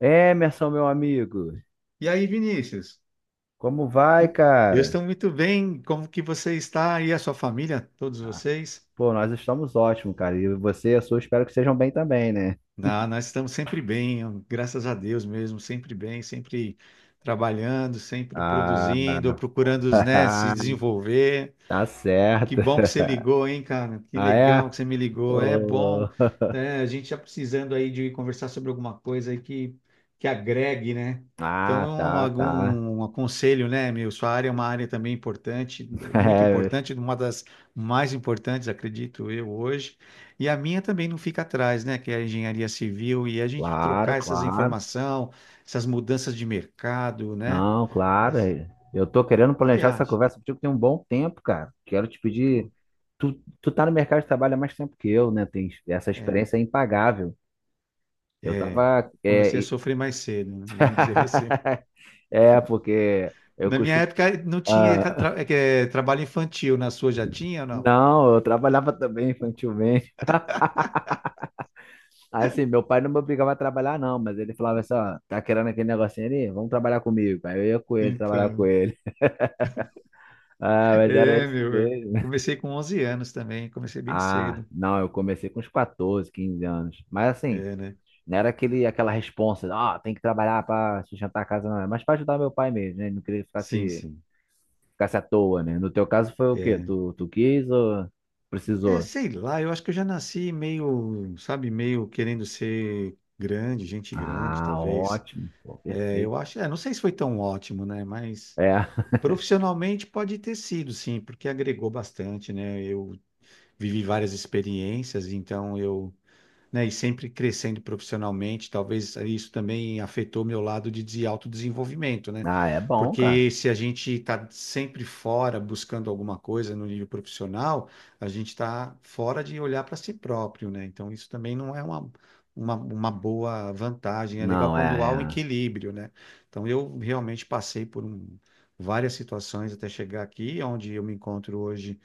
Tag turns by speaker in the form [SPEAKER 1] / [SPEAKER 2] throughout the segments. [SPEAKER 1] Emerson, meu amigo,
[SPEAKER 2] E aí, Vinícius?
[SPEAKER 1] como vai,
[SPEAKER 2] Eu
[SPEAKER 1] cara?
[SPEAKER 2] estou muito bem. Como que você está e a sua família, todos vocês?
[SPEAKER 1] Pô, nós estamos ótimos, cara. E você e a sua, espero que estejam bem também, né?
[SPEAKER 2] Nós estamos sempre bem, graças a Deus mesmo, sempre bem, sempre trabalhando, sempre
[SPEAKER 1] Ah,
[SPEAKER 2] produzindo, procurando, né, se desenvolver.
[SPEAKER 1] tá
[SPEAKER 2] Que
[SPEAKER 1] certo.
[SPEAKER 2] bom que você ligou, hein, cara? Que
[SPEAKER 1] Ah,
[SPEAKER 2] legal
[SPEAKER 1] é?
[SPEAKER 2] que você me ligou. É
[SPEAKER 1] Ô.
[SPEAKER 2] bom, né? A gente tá precisando aí de conversar sobre alguma coisa aí que agregue, né? Então,
[SPEAKER 1] Ah, tá,
[SPEAKER 2] algum
[SPEAKER 1] tá.
[SPEAKER 2] um aconselho, né, meu? Sua área é uma área também importante, muito
[SPEAKER 1] É,
[SPEAKER 2] importante, uma das mais importantes, acredito eu, hoje. E a minha também não fica atrás, né? Que é a engenharia civil e a gente
[SPEAKER 1] claro,
[SPEAKER 2] trocar essas
[SPEAKER 1] claro.
[SPEAKER 2] informações, essas mudanças de mercado, né?
[SPEAKER 1] Não,
[SPEAKER 2] É, o
[SPEAKER 1] claro. É, eu tô querendo
[SPEAKER 2] que você
[SPEAKER 1] planejar essa
[SPEAKER 2] acha?
[SPEAKER 1] conversa contigo tem um bom tempo, cara. Quero te
[SPEAKER 2] Pô,
[SPEAKER 1] pedir. Tu tá no mercado de trabalho há mais tempo que eu, né? Tem essa
[SPEAKER 2] é.
[SPEAKER 1] experiência é impagável. Eu
[SPEAKER 2] É,
[SPEAKER 1] tava.
[SPEAKER 2] comecei a sofrer mais cedo, né? Vamos dizer assim.
[SPEAKER 1] É, porque eu
[SPEAKER 2] Na minha
[SPEAKER 1] costumo.
[SPEAKER 2] época não tinha
[SPEAKER 1] Ah,
[SPEAKER 2] é que é trabalho infantil, na sua já tinha ou não?
[SPEAKER 1] não, eu trabalhava também infantilmente. Assim, meu pai não me obrigava a trabalhar, não, mas ele falava assim: ó, tá querendo aquele negocinho ali? Vamos trabalhar comigo. Aí eu ia com ele, trabalhar com
[SPEAKER 2] Então,
[SPEAKER 1] ele. Ah, mas era
[SPEAKER 2] é,
[SPEAKER 1] isso
[SPEAKER 2] meu, eu
[SPEAKER 1] mesmo.
[SPEAKER 2] comecei com 11 anos também, comecei bem
[SPEAKER 1] Ah,
[SPEAKER 2] cedo.
[SPEAKER 1] não, eu comecei com uns 14, 15 anos. Mas assim,
[SPEAKER 2] É, né?
[SPEAKER 1] não era aquele, aquela responsa: ó, tem que trabalhar pra sustentar a casa, não. Mas pra ajudar meu pai mesmo, né? Ele não queria que
[SPEAKER 2] Sim,
[SPEAKER 1] ficasse,
[SPEAKER 2] sim.
[SPEAKER 1] ficasse à toa, né? No teu caso foi o quê?
[SPEAKER 2] É,
[SPEAKER 1] Tu quis ou
[SPEAKER 2] é,
[SPEAKER 1] precisou?
[SPEAKER 2] sei lá, eu acho que eu já nasci meio, sabe, meio querendo ser grande, gente grande,
[SPEAKER 1] Ah,
[SPEAKER 2] talvez.
[SPEAKER 1] ótimo, pô,
[SPEAKER 2] É, eu
[SPEAKER 1] perfeito.
[SPEAKER 2] acho, é, não sei se foi tão ótimo, né? Mas
[SPEAKER 1] É,
[SPEAKER 2] profissionalmente pode ter sido, sim, porque agregou bastante, né? Eu vivi várias experiências, então eu, né, e sempre crescendo profissionalmente, talvez isso também afetou meu lado de autodesenvolvimento, né?
[SPEAKER 1] ah, é bom, cara.
[SPEAKER 2] Porque se a gente está sempre fora buscando alguma coisa no nível profissional, a gente está fora de olhar para si próprio, né? Então isso também não é uma boa vantagem. É legal
[SPEAKER 1] Não,
[SPEAKER 2] quando
[SPEAKER 1] é,
[SPEAKER 2] há um
[SPEAKER 1] é.
[SPEAKER 2] equilíbrio, né? Então eu realmente passei várias situações até chegar aqui, onde eu me encontro hoje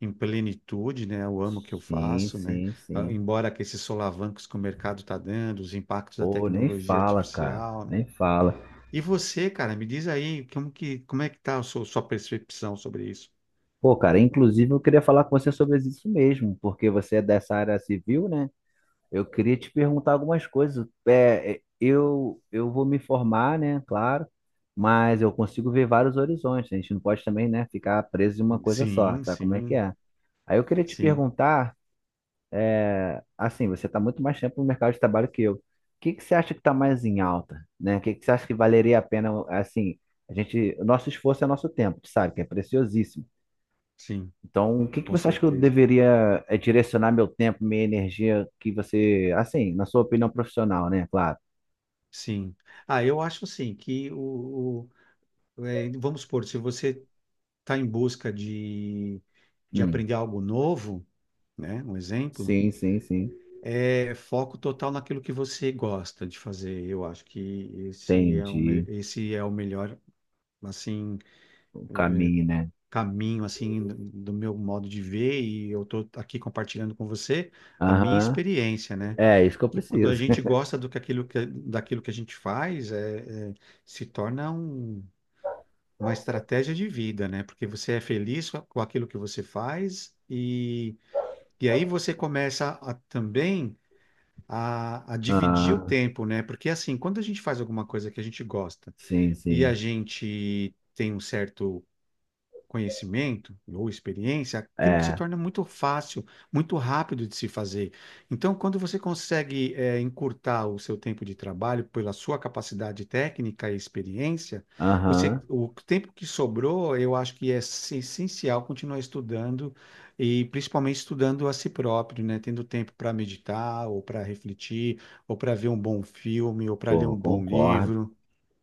[SPEAKER 2] em plenitude, né? Eu amo o que eu
[SPEAKER 1] Sim,
[SPEAKER 2] faço, né?
[SPEAKER 1] sim,
[SPEAKER 2] Ah,
[SPEAKER 1] sim.
[SPEAKER 2] embora que esses solavancos que o mercado está dando, os impactos da
[SPEAKER 1] Pô, nem
[SPEAKER 2] tecnologia
[SPEAKER 1] fala, cara,
[SPEAKER 2] artificial, né?
[SPEAKER 1] nem fala.
[SPEAKER 2] E você, cara, me diz aí como é que tá a sua percepção sobre isso?
[SPEAKER 1] Pô, cara, inclusive eu queria falar com você sobre isso mesmo, porque você é dessa área civil, né? Eu queria te perguntar algumas coisas. É, é, eu vou me formar, né? Claro, mas eu consigo ver vários horizontes. A gente não pode também, né, ficar preso em uma coisa só,
[SPEAKER 2] Sim,
[SPEAKER 1] sabe como é que
[SPEAKER 2] sim,
[SPEAKER 1] é? Aí eu queria te
[SPEAKER 2] sim,
[SPEAKER 1] perguntar. Assim, você está muito mais tempo no mercado de trabalho que eu. O que que você acha que está mais em alta, né? O que que você acha que valeria a pena, assim, a gente, o nosso esforço é nosso tempo, tu sabe, que é preciosíssimo.
[SPEAKER 2] sim,
[SPEAKER 1] Então, o que que
[SPEAKER 2] com
[SPEAKER 1] você acha que eu
[SPEAKER 2] certeza.
[SPEAKER 1] deveria direcionar meu tempo, minha energia, que você, assim, na sua opinião profissional, né? Claro.
[SPEAKER 2] Sim. Ah, eu acho assim que é, vamos supor, se você está em busca de
[SPEAKER 1] Hum,
[SPEAKER 2] aprender algo novo, né? Um exemplo.
[SPEAKER 1] sim, sim, sim.
[SPEAKER 2] É foco total naquilo que você gosta de fazer. Eu acho que
[SPEAKER 1] Entendi
[SPEAKER 2] esse é o melhor assim
[SPEAKER 1] o caminho, né?
[SPEAKER 2] caminho assim do meu modo de ver e eu estou aqui compartilhando com você a minha
[SPEAKER 1] Aham.
[SPEAKER 2] experiência, né?
[SPEAKER 1] É isso que eu
[SPEAKER 2] Que quando a
[SPEAKER 1] preciso.
[SPEAKER 2] gente gosta do daquilo que a gente faz, se torna uma estratégia de vida, né? Porque você é feliz com aquilo que você faz e aí você começa a também a dividir o
[SPEAKER 1] Ah,
[SPEAKER 2] tempo, né? Porque assim, quando a gente faz alguma coisa que a gente gosta
[SPEAKER 1] sim,
[SPEAKER 2] e a
[SPEAKER 1] sim.
[SPEAKER 2] gente tem um certo conhecimento ou experiência, aquilo que se
[SPEAKER 1] É.
[SPEAKER 2] torna muito fácil, muito rápido de se fazer. Então, quando você consegue encurtar o seu tempo de trabalho pela sua capacidade técnica e experiência, você,
[SPEAKER 1] Aham.
[SPEAKER 2] o tempo que sobrou, eu acho que é essencial continuar estudando e principalmente estudando a si próprio, né? Tendo tempo para meditar ou para refletir ou para ver um bom filme ou para ler
[SPEAKER 1] Pô,
[SPEAKER 2] um bom
[SPEAKER 1] concordo.
[SPEAKER 2] livro,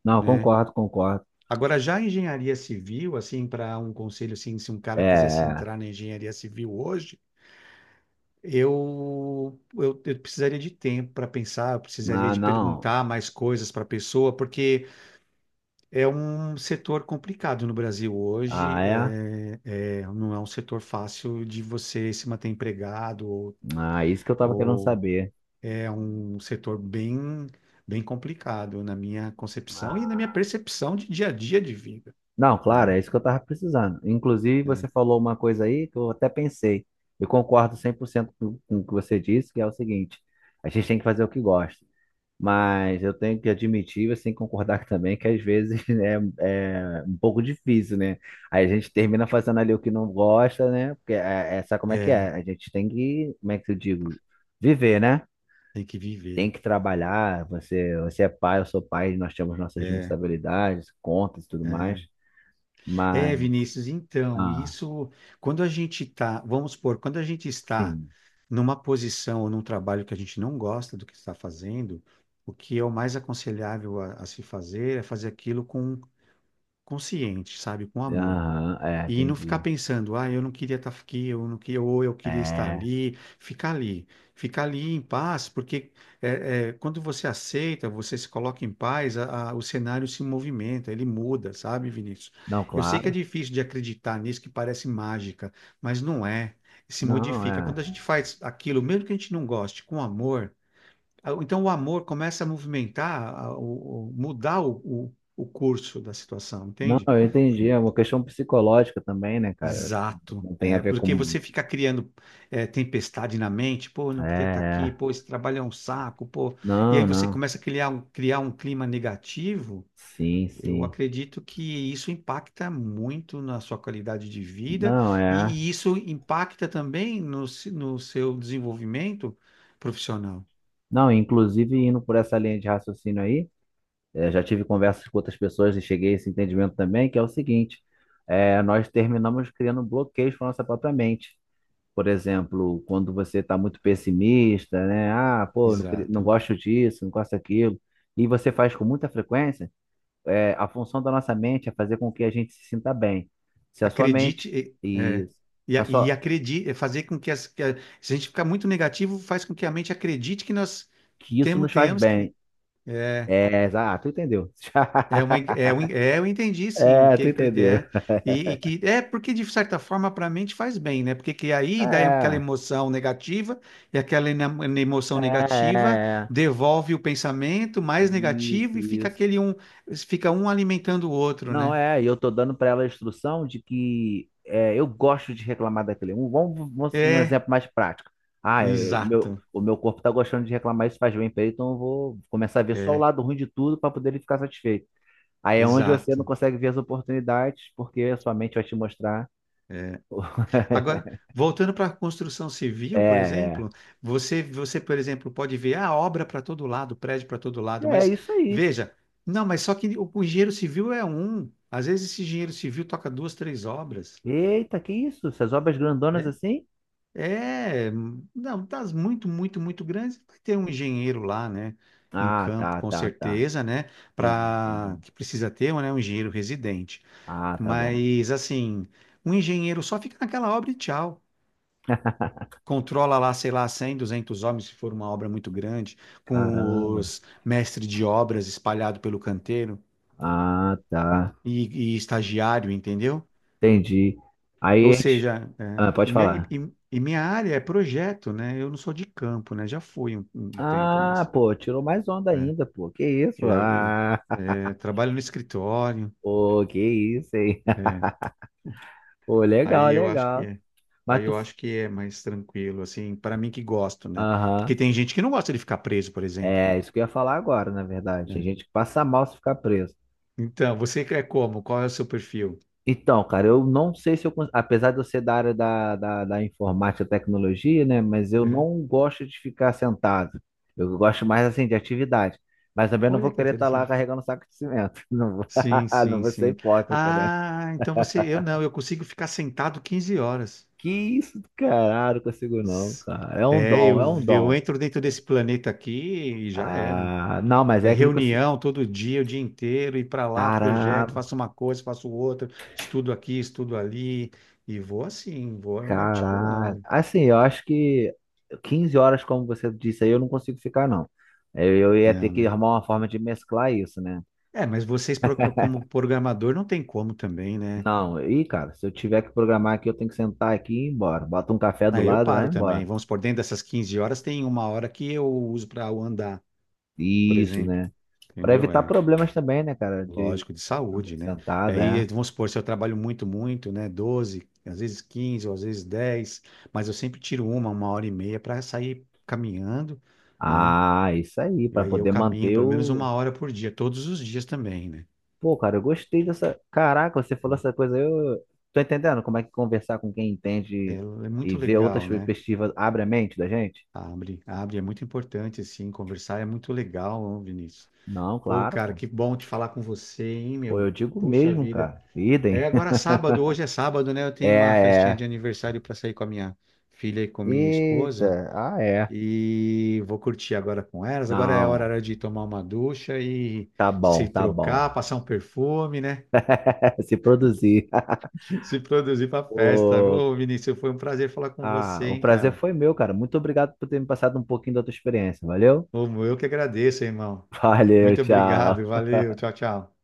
[SPEAKER 1] Não,
[SPEAKER 2] né?
[SPEAKER 1] concordo, concordo.
[SPEAKER 2] Agora, já a engenharia civil, assim, para um conselho, assim, se um
[SPEAKER 1] É,
[SPEAKER 2] cara quisesse
[SPEAKER 1] é.
[SPEAKER 2] entrar na engenharia civil hoje, eu precisaria de tempo para pensar, eu precisaria
[SPEAKER 1] Ah,
[SPEAKER 2] de
[SPEAKER 1] não.
[SPEAKER 2] perguntar mais coisas para a pessoa, porque é um setor complicado no Brasil
[SPEAKER 1] Ah,
[SPEAKER 2] hoje,
[SPEAKER 1] é?
[SPEAKER 2] não é um setor fácil de você se manter empregado, ou,
[SPEAKER 1] Ah, isso que eu tava querendo
[SPEAKER 2] ou
[SPEAKER 1] saber.
[SPEAKER 2] é um setor bem, bem complicado na minha concepção e na minha
[SPEAKER 1] Ah,
[SPEAKER 2] percepção de dia a dia de vida,
[SPEAKER 1] não, claro,
[SPEAKER 2] né?
[SPEAKER 1] é isso que eu tava precisando. Inclusive, você
[SPEAKER 2] É.
[SPEAKER 1] falou uma coisa aí que eu até pensei. Eu concordo 100% com o que você disse, que é o seguinte: a gente tem que fazer o que gosta. Mas eu tenho que admitir, assim, concordar também que às vezes né, é um pouco difícil, né? Aí a gente termina fazendo ali o que não gosta, né? Porque é, sabe como é que é?
[SPEAKER 2] É.
[SPEAKER 1] A gente tem que, como é que eu digo? Viver, né?
[SPEAKER 2] Tem que viver.
[SPEAKER 1] Tem que trabalhar, você, você é pai, eu sou pai, nós temos nossas
[SPEAKER 2] É,
[SPEAKER 1] responsabilidades, contas e tudo mais.
[SPEAKER 2] é. É,
[SPEAKER 1] Mas,
[SPEAKER 2] Vinícius, então,
[SPEAKER 1] ah,
[SPEAKER 2] isso, quando a gente está, vamos supor, quando a gente está
[SPEAKER 1] sim,
[SPEAKER 2] numa posição ou num trabalho que a gente não gosta do que está fazendo, o que é o mais aconselhável a se fazer é fazer aquilo com consciente, sabe, com amor.
[SPEAKER 1] aham, é,
[SPEAKER 2] E não ficar
[SPEAKER 1] entendi.
[SPEAKER 2] pensando, ah, eu não queria estar aqui, eu não queria, ou eu queria estar
[SPEAKER 1] É,
[SPEAKER 2] ali, ficar ali, ficar ali em paz, porque quando você aceita, você se coloca em paz, o cenário se movimenta, ele muda, sabe, Vinícius?
[SPEAKER 1] não,
[SPEAKER 2] Eu sei que é
[SPEAKER 1] claro,
[SPEAKER 2] difícil de acreditar nisso, que parece mágica, mas não é, se
[SPEAKER 1] não,
[SPEAKER 2] modifica.
[SPEAKER 1] é.
[SPEAKER 2] Quando a gente faz aquilo, mesmo que a gente não goste, com amor, então o amor começa a movimentar, mudar o curso da situação,
[SPEAKER 1] Não,
[SPEAKER 2] entende?
[SPEAKER 1] eu entendi, é uma questão psicológica também, né, cara?
[SPEAKER 2] Exato,
[SPEAKER 1] Não tem a
[SPEAKER 2] é,
[SPEAKER 1] ver
[SPEAKER 2] porque
[SPEAKER 1] com.
[SPEAKER 2] você fica criando tempestade na mente, pô, eu
[SPEAKER 1] É,
[SPEAKER 2] não queria estar aqui, pô,
[SPEAKER 1] é.
[SPEAKER 2] esse trabalho é um saco, pô, e
[SPEAKER 1] Não,
[SPEAKER 2] aí você
[SPEAKER 1] não,
[SPEAKER 2] começa a criar um clima negativo,
[SPEAKER 1] sim,
[SPEAKER 2] eu
[SPEAKER 1] sim.
[SPEAKER 2] acredito que isso impacta muito na sua qualidade de vida
[SPEAKER 1] Não, é.
[SPEAKER 2] e isso impacta também no seu desenvolvimento profissional.
[SPEAKER 1] Não, inclusive indo por essa linha de raciocínio aí. É, já tive conversas com outras pessoas e cheguei a esse entendimento também, que é o seguinte: é, nós terminamos criando bloqueios para nossa própria mente. Por exemplo, quando você está muito pessimista, né? Ah, pô, não, não
[SPEAKER 2] Exato.
[SPEAKER 1] gosto disso, não gosto daquilo, e você faz com muita frequência. É, a função da nossa mente é fazer com que a gente se sinta bem. Se a sua mente
[SPEAKER 2] Acredite,
[SPEAKER 1] e se a
[SPEAKER 2] e
[SPEAKER 1] sua,
[SPEAKER 2] acredite, fazer com que, se a gente ficar muito negativo, faz com que a mente acredite que nós
[SPEAKER 1] que isso nos faz
[SPEAKER 2] tenhamos que.
[SPEAKER 1] bem.
[SPEAKER 2] É
[SPEAKER 1] É, ah, tu entendeu?
[SPEAKER 2] é uma, é, um- é, Eu entendi, sim,
[SPEAKER 1] É,
[SPEAKER 2] que
[SPEAKER 1] tu entendeu.
[SPEAKER 2] e que é porque de certa forma para a mente faz bem, né? Porque que aí dá aquela
[SPEAKER 1] É,
[SPEAKER 2] emoção negativa e aquela
[SPEAKER 1] é,
[SPEAKER 2] emoção negativa
[SPEAKER 1] é. É.
[SPEAKER 2] devolve o pensamento mais
[SPEAKER 1] Isso,
[SPEAKER 2] negativo e fica
[SPEAKER 1] isso.
[SPEAKER 2] fica um alimentando o outro,
[SPEAKER 1] Não,
[SPEAKER 2] né?
[SPEAKER 1] é, e eu tô dando para ela a instrução de que é, eu gosto de reclamar daquele. Um
[SPEAKER 2] É,
[SPEAKER 1] exemplo mais prático. Ah, meu,
[SPEAKER 2] exato,
[SPEAKER 1] o meu corpo tá gostando de reclamar, isso faz bem pra ele, então eu vou começar a ver só o
[SPEAKER 2] é,
[SPEAKER 1] lado ruim de tudo para poder ele ficar satisfeito. Aí é onde você não
[SPEAKER 2] exato.
[SPEAKER 1] consegue ver as oportunidades, porque a sua mente vai te mostrar.
[SPEAKER 2] É. Agora, voltando para a construção
[SPEAKER 1] É,
[SPEAKER 2] civil, por
[SPEAKER 1] é.
[SPEAKER 2] exemplo, você, por exemplo, pode ver a obra para todo lado, prédio para todo lado,
[SPEAKER 1] É
[SPEAKER 2] mas
[SPEAKER 1] isso aí.
[SPEAKER 2] veja, não, mas só que o engenheiro civil é um. Às vezes esse engenheiro civil toca duas, três obras,
[SPEAKER 1] Eita, que isso? Essas obras grandonas
[SPEAKER 2] né?
[SPEAKER 1] assim?
[SPEAKER 2] É, não, das muito, muito, muito grandes, vai ter um engenheiro lá, né? Em
[SPEAKER 1] Ah,
[SPEAKER 2] campo,
[SPEAKER 1] tá,
[SPEAKER 2] com
[SPEAKER 1] tá, tá.
[SPEAKER 2] certeza, né?
[SPEAKER 1] Entendi,
[SPEAKER 2] Para
[SPEAKER 1] entendi.
[SPEAKER 2] que precisa ter, né? Um engenheiro residente.
[SPEAKER 1] Ah, tá bom.
[SPEAKER 2] Mas assim, um engenheiro só fica naquela obra e tchau. Controla lá, sei lá, 100 200 homens, se for uma obra muito grande, com
[SPEAKER 1] Caramba.
[SPEAKER 2] os mestres de obras espalhado pelo canteiro
[SPEAKER 1] Ah, tá.
[SPEAKER 2] e estagiário, entendeu?
[SPEAKER 1] Entendi. Aí
[SPEAKER 2] Ou
[SPEAKER 1] a gente.
[SPEAKER 2] seja, é,
[SPEAKER 1] Ah,
[SPEAKER 2] o
[SPEAKER 1] pode
[SPEAKER 2] meu-
[SPEAKER 1] falar.
[SPEAKER 2] e minha área é projeto, né? Eu não sou de campo, né? Já fui um tempo,
[SPEAKER 1] Ah,
[SPEAKER 2] mas
[SPEAKER 1] pô, tirou mais onda
[SPEAKER 2] é,
[SPEAKER 1] ainda, pô. Que isso?
[SPEAKER 2] eu, eu,
[SPEAKER 1] Ah,
[SPEAKER 2] trabalho no escritório,
[SPEAKER 1] pô, que isso, hein?
[SPEAKER 2] é,
[SPEAKER 1] Pô, legal,
[SPEAKER 2] aí eu acho que
[SPEAKER 1] legal.
[SPEAKER 2] é.
[SPEAKER 1] Mas
[SPEAKER 2] Aí
[SPEAKER 1] tu.
[SPEAKER 2] eu acho que é mais tranquilo, assim, para mim que gosto, né?
[SPEAKER 1] Aham.
[SPEAKER 2] Porque tem gente que não gosta de ficar preso, por exemplo.
[SPEAKER 1] É, isso que eu ia falar agora, na verdade. Tem
[SPEAKER 2] Né?
[SPEAKER 1] gente que passa mal se ficar preso.
[SPEAKER 2] Então, você é como? Qual é o seu perfil?
[SPEAKER 1] Então, cara, eu não sei se eu, apesar de eu ser da área da informática e tecnologia, né, mas eu
[SPEAKER 2] Uhum.
[SPEAKER 1] não gosto de ficar sentado. Eu gosto mais, assim, de atividade. Mas também não vou
[SPEAKER 2] Olha que
[SPEAKER 1] querer estar lá
[SPEAKER 2] interessante.
[SPEAKER 1] carregando saco de cimento. Não vou,
[SPEAKER 2] Sim,
[SPEAKER 1] não
[SPEAKER 2] sim,
[SPEAKER 1] vou ser
[SPEAKER 2] sim.
[SPEAKER 1] hipócrita, né?
[SPEAKER 2] Ah, então você, eu não, eu consigo ficar sentado 15 horas.
[SPEAKER 1] Que isso, caralho, não consigo não,
[SPEAKER 2] S-
[SPEAKER 1] cara. É um
[SPEAKER 2] É,
[SPEAKER 1] dom,
[SPEAKER 2] eu,
[SPEAKER 1] é um
[SPEAKER 2] eu
[SPEAKER 1] dom.
[SPEAKER 2] entro dentro desse planeta aqui e já era.
[SPEAKER 1] Ah, não, mas
[SPEAKER 2] É
[SPEAKER 1] é aquilo que eu sou.
[SPEAKER 2] reunião todo dia, o dia inteiro, ir para lá, projeto, faço uma coisa, faço outra, estudo aqui, estudo ali, e vou assim, vou me
[SPEAKER 1] Caralho.
[SPEAKER 2] articulando.
[SPEAKER 1] Assim, eu acho que 15 horas, como você disse aí, eu não consigo ficar, não. É, eu ia ter
[SPEAKER 2] Não,
[SPEAKER 1] que
[SPEAKER 2] né?
[SPEAKER 1] arrumar uma forma de mesclar isso, né?
[SPEAKER 2] É, mas vocês, como programador, não tem como também, né?
[SPEAKER 1] Não, e cara, se eu tiver que programar aqui, eu tenho que sentar aqui e ir embora. Bota um café do
[SPEAKER 2] Aí eu
[SPEAKER 1] lado e vai
[SPEAKER 2] paro também.
[SPEAKER 1] embora.
[SPEAKER 2] Vamos por dentro dessas 15 horas tem uma hora que eu uso para andar, por
[SPEAKER 1] Isso,
[SPEAKER 2] exemplo.
[SPEAKER 1] né? Pra
[SPEAKER 2] Entendeu?
[SPEAKER 1] evitar
[SPEAKER 2] É
[SPEAKER 1] problemas também, né, cara? De
[SPEAKER 2] lógico, de
[SPEAKER 1] de ficar
[SPEAKER 2] saúde,
[SPEAKER 1] muito
[SPEAKER 2] né?
[SPEAKER 1] sentado,
[SPEAKER 2] Aí
[SPEAKER 1] é.
[SPEAKER 2] vamos supor, se eu trabalho muito, muito, né? 12, às vezes 15, ou às vezes 10, mas eu sempre tiro uma hora e meia para sair caminhando, né?
[SPEAKER 1] Ah, isso aí,
[SPEAKER 2] E
[SPEAKER 1] pra
[SPEAKER 2] aí eu
[SPEAKER 1] poder
[SPEAKER 2] caminho
[SPEAKER 1] manter
[SPEAKER 2] pelo menos
[SPEAKER 1] o.
[SPEAKER 2] uma hora por dia, todos os dias também, né?
[SPEAKER 1] Pô, cara, eu gostei dessa. Caraca, você falou
[SPEAKER 2] Então,
[SPEAKER 1] essa coisa, eu tô entendendo como é que conversar com quem entende
[SPEAKER 2] É
[SPEAKER 1] e
[SPEAKER 2] muito
[SPEAKER 1] ver outras
[SPEAKER 2] legal, né?
[SPEAKER 1] perspectivas abre a mente da gente?
[SPEAKER 2] Abre, abre, é muito importante, assim, conversar é muito legal, Vinícius.
[SPEAKER 1] Não,
[SPEAKER 2] Pô,
[SPEAKER 1] claro,
[SPEAKER 2] cara,
[SPEAKER 1] pô.
[SPEAKER 2] que bom te falar com você, hein,
[SPEAKER 1] Pô, eu
[SPEAKER 2] meu?
[SPEAKER 1] digo
[SPEAKER 2] Puxa
[SPEAKER 1] mesmo,
[SPEAKER 2] vida.
[SPEAKER 1] cara. Idem.
[SPEAKER 2] Agora é sábado, hoje é sábado, né? Eu tenho uma
[SPEAKER 1] É,
[SPEAKER 2] festinha
[SPEAKER 1] é.
[SPEAKER 2] de aniversário para sair com a minha filha e com minha esposa.
[SPEAKER 1] Eita, ah, é.
[SPEAKER 2] E vou curtir agora com elas. Agora é
[SPEAKER 1] Não,
[SPEAKER 2] hora de tomar uma ducha e
[SPEAKER 1] tá
[SPEAKER 2] se
[SPEAKER 1] bom, tá bom.
[SPEAKER 2] trocar, passar um perfume, né?
[SPEAKER 1] Se produzir.
[SPEAKER 2] Se produzir para festa.
[SPEAKER 1] Pô,
[SPEAKER 2] Ô, Vinícius, foi um prazer falar com
[SPEAKER 1] ah,
[SPEAKER 2] você,
[SPEAKER 1] o
[SPEAKER 2] hein,
[SPEAKER 1] prazer
[SPEAKER 2] cara?
[SPEAKER 1] foi meu, cara. Muito obrigado por ter me passado um pouquinho da tua experiência. Valeu?
[SPEAKER 2] Ô, eu que agradeço, irmão.
[SPEAKER 1] Valeu,
[SPEAKER 2] Muito obrigado,
[SPEAKER 1] tchau.
[SPEAKER 2] valeu, tchau, tchau.